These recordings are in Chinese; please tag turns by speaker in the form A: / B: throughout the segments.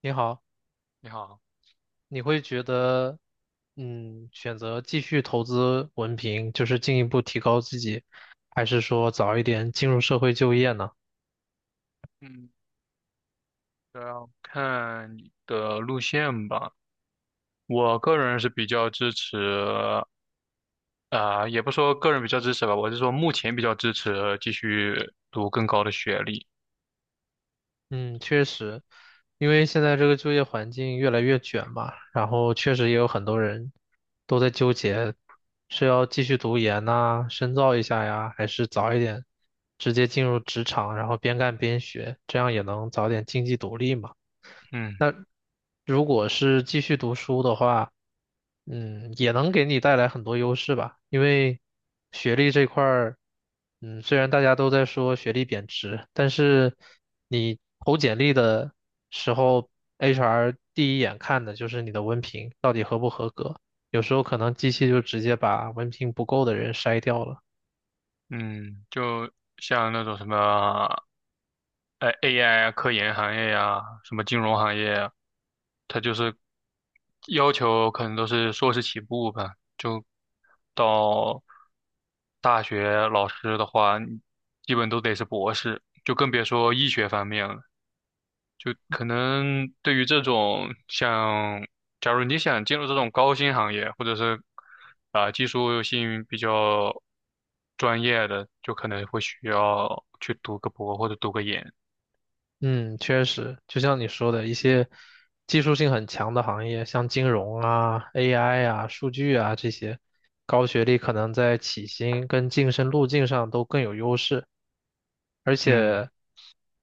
A: 你好，
B: 你好。
A: 你会觉得，选择继续投资文凭，就是进一步提高自己，还是说早一点进入社会就业呢？
B: 嗯，主要看你的路线吧。我个人是比较支持，也不说个人比较支持吧，我是说目前比较支持继续读更高的学历。
A: 嗯，确实，因为现在这个就业环境越来越卷嘛，然后确实也有很多人都在纠结，是要继续读研呐，深造一下呀，还是早一点直接进入职场，然后边干边学，这样也能早点经济独立嘛。
B: 嗯
A: 如果是继续读书的话，也能给你带来很多优势吧。因为学历这块儿，虽然大家都在说学历贬值，但是你投简历的时候，HR 第一眼看的就是你的文凭，到有时候可能机器就直接把文凭不够的人筛掉了。
B: 嗯。就像那种什么，AI 啊，科研行业呀、什么金融行业呀，它就是要求可能都是硕士起步吧。到大学老师的话，你基本都得是博士，就更别说医学方面了。就可能对于这种像，假如你想进入这种高薪行业，或者是技术性比较专业的，就可能会需要去读个博或者读个研。
A: 嗯，确实，就像你说的，一些技术性很强的行业，像金融啊、AI 啊、数据啊这些，高学历可能在起薪跟晋升路径上都更有优势。而
B: 嗯。
A: 且，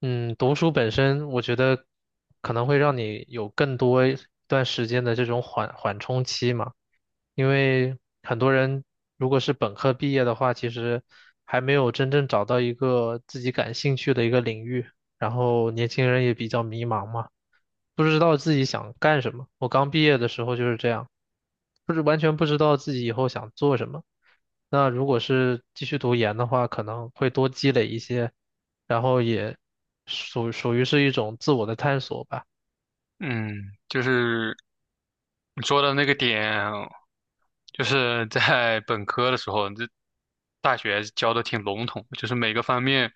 A: 读书本身，我觉得可能会让你有更多一段时间的这种缓冲期嘛。因为很多人如果是本科毕业的话，其实还没有真正找到一个自己感兴趣的一个领域。然后年轻人也比较迷茫嘛，不知道自己想干什么。我刚毕业的时候就是这样，不是完全不知道自己以后想做什么。那如果是继续读研的话，可能会多积累一些，然后也属于是一种自我的探索吧。
B: 嗯，就是你说的那个点，就是在本科的时候，这大学教的挺笼统，就是每个方面，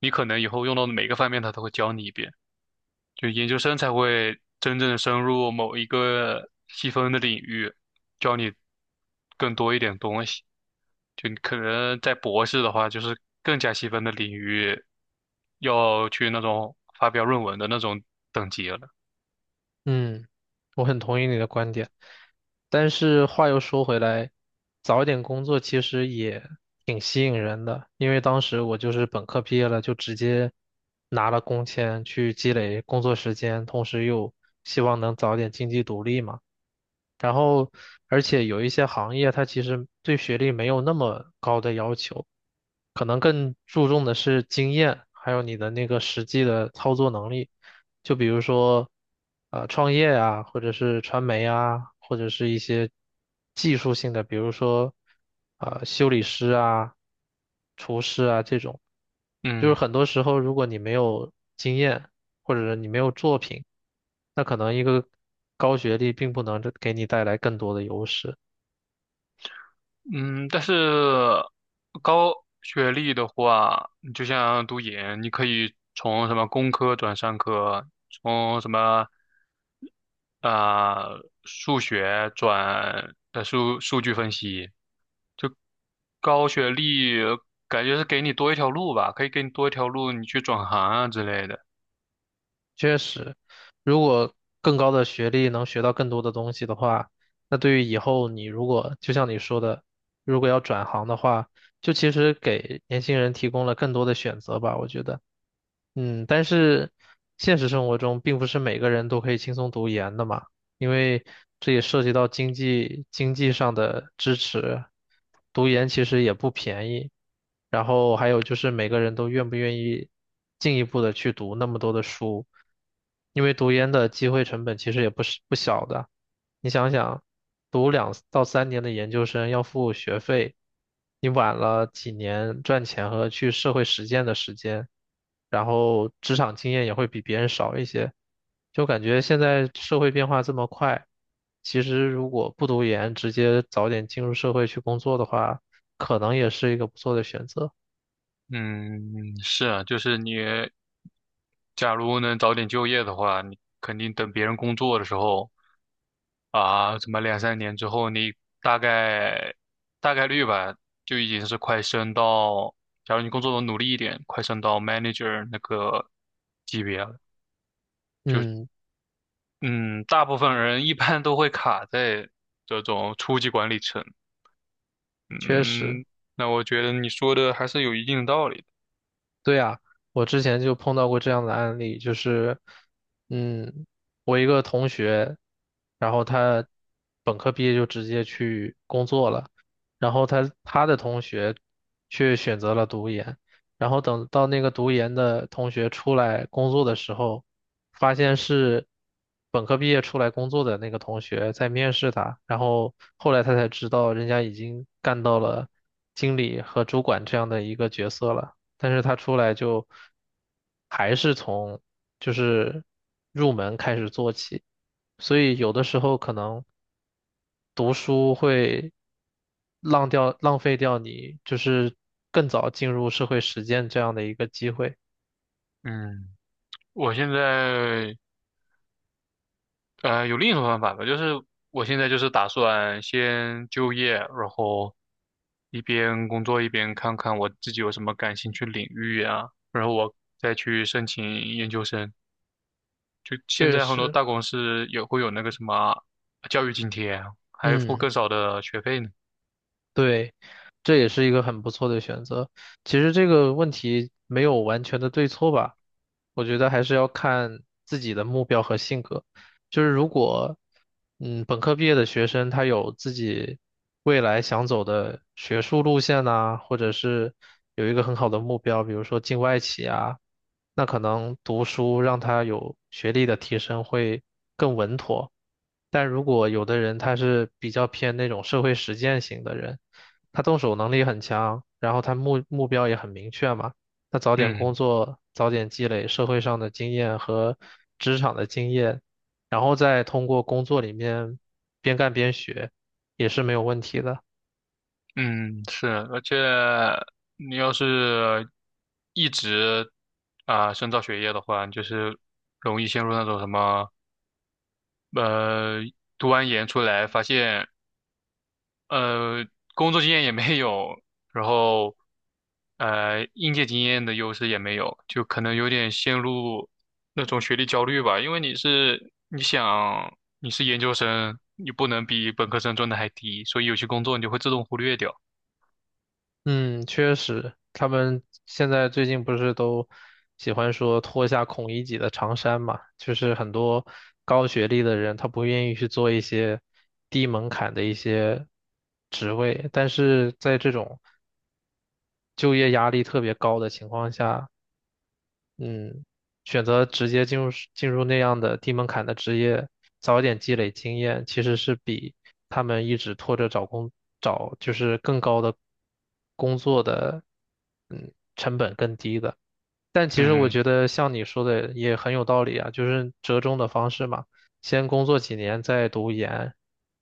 B: 你可能以后用到的每个方面，他都会教你一遍。就研究生才会真正深入某一个细分的领域，教你更多一点东西。就你可能在博士的话，就是更加细分的领域，要去那种发表论文的那种等级了。
A: 嗯，我很同意你的观点，但是话又说回来，早一点工作其实也挺吸引人的，因为当时我就是本科毕业了，就直接拿了工签去积累工作时间，同时又希望能早点经济独立嘛。然后，而且有一些行业它其实对学历没有那么高的要求，可能更注重的是经验，还有你的那个实际的操作能力。就比如说，创业啊，或者是传媒啊，或者是一些技术性的，比如说，修理师啊、厨师啊这种，就是
B: 嗯。
A: 很多时候，如果你没有经验，或者是你没有作品，那可能一个高学历并不能给你带来更多的优势。
B: 嗯，但是高学历的话，你就像读研，你可以从什么工科转商科，从什么数学转数据分析。高学历感觉是给你多一条路吧，可以给你多一条路，你去转行啊之类的。
A: 确实，如果更高的学历能学到更多的东西的话，那对于以后你如果就像你说的，如果要转行的话，就其实给年轻人提供了更多的选择吧，我觉得。但是现实生活中并不是每个人都可以轻松读研的嘛，因为这也涉及到经济上的支持，读研其实也不便宜，然后还有就是每个人都愿不愿意进一步的去读那么多的书，因为读研的机会成本其实也不是不小的。你想想，读两到三年的研究生要付学费，你晚了几年赚钱和去社会实践的时间，然后职场经验也会比别人少一些，就感觉现在社会变化这么快，其实如果不读研，直接早点进入社会去工作的话，可能也是一个不错的选择。
B: 嗯，是啊，就是你假如能早点就业的话，你肯定等别人工作的时候。啊，怎么两三年之后，你大概大概率吧，就已经是快升到，假如你工作努力一点，快升到 manager 那个级别了。就
A: 嗯，
B: 嗯，大部分人一般都会卡在这种初级管理层。
A: 确实。
B: 嗯，那我觉得你说的还是有一定道理的。
A: 对呀，我之前就碰到过这样的案例，就是，嗯，我一个同学，然后他本科毕业就直接去工作了，然后他的同学却选择了读研，然后等到那个读研的同学出来工作的时候，发现是本科毕业出来工作的那个同学在面试他，然后后来他才知道人家已经干到了经理和主管这样的一个角色了。但是他出来就还是从就是入门开始做起，所以有的时候可能读书会浪费掉你就是更早进入社会实践这样的一个机会，
B: 嗯，我现在有另一种方法吧，就是我现在就是打算先就业，然后一边工作一边看看我自己有什么感兴趣领域啊，然后我再去申请研究生。就现
A: 确
B: 在很多
A: 实，
B: 大公司也会有那个什么教育津贴，还付
A: 嗯。
B: 更少的学费呢。
A: 对，这也是一个很不错的选择。其实这个问题没有完全的对错吧，我觉得还是要看自己的目标和性格。就是如果，本科毕业的学生他有自己未来想走的学术路线呐、或者是有一个很好的目标，比如说进外企啊，那可能读书让他有学历的提升会更稳妥。但如果有的人他是比较偏那种社会实践型的人，他动手能力很强，然后他目标也很明确嘛，那早点
B: 嗯。
A: 工作，早点积累社会上的经验和职场的经验，然后再通过工作里面边干边学，也是没有问题的。
B: 嗯，是，而且你要是一直深造学业的话，你就是容易陷入那种什么呃，读完研出来发现，呃，工作经验也没有，然后，应届经验的优势也没有，就可能有点陷入那种学历焦虑吧。因为你是，你想你是研究生，你不能比本科生赚的还低，所以有些工作你就会自动忽略掉。
A: 嗯，确实，他们现在最近不是都喜欢说脱下孔乙己的长衫嘛？就是很多高学历的人，他不愿意去做一些低门槛的一些职位，但是在这种就业压力特别高的情况下，嗯，选择直接进入那样的低门槛的职业，早一点积累经验，其实是比他们一直拖着找就是更高的工作的成本更低的。但其实我
B: 嗯。
A: 觉得像你说的也很有道理啊，就是折中的方式嘛，先工作几年再读研，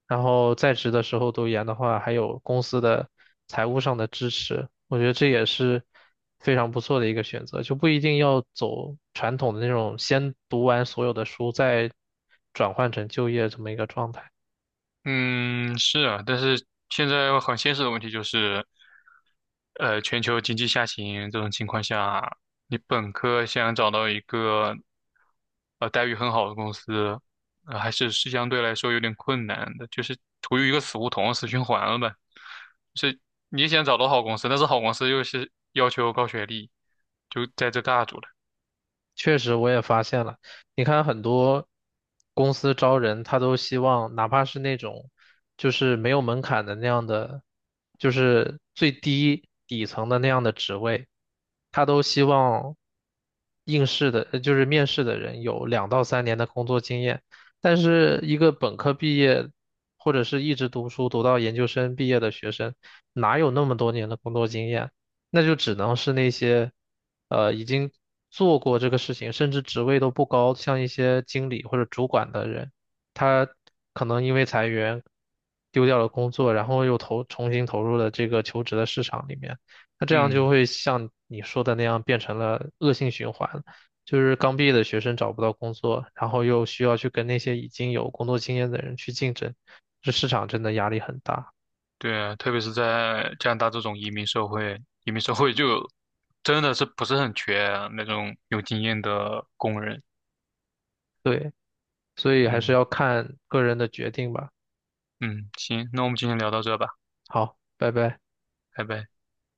A: 然后在职的时候读研的话，还有公司的财务上的支持，我觉得这也是非常不错的一个选择，就不一定要走传统的那种先读完所有的书再转换成就业这么一个状态。
B: 嗯，是啊，但是现在很现实的问题就是，全球经济下行这种情况下，你本科想找到一个待遇很好的公司，还是相对来说有点困难的，就是处于一个死胡同、死循环了吧。就是你想找到好公司，但是好公司又是要求高学历，就在这尬住了。
A: 确实，我也发现了。你看，很多公司招人，他都希望哪怕是那种就是没有门槛的那样的，就是最低底层的那样的职位，他都希望应试的，就是面试的人有两到三年的工作经验。但是，一个本科毕业或者是一直读书读到研究生毕业的学生，哪有那么多年的工作经验？那就只能是那些，已经做过这个事情，甚至职位都不高，像一些经理或者主管的人，他可能因为裁员丢掉了工作，然后重新投入了这个求职的市场里面，那这样就
B: 嗯。
A: 会像你说的那样变成了恶性循环，就是刚毕业的学生找不到工作，然后又需要去跟那些已经有工作经验的人去竞争，这市场真的压力很大，
B: 对啊，特别是在加拿大这种移民社会，移民社会就真的是不是很缺啊那种有经验的工人。
A: 对，所以还是
B: 嗯。
A: 要看个人的决定吧。
B: 嗯，行，那我们今天聊到这吧。
A: 好，拜拜。
B: 拜拜。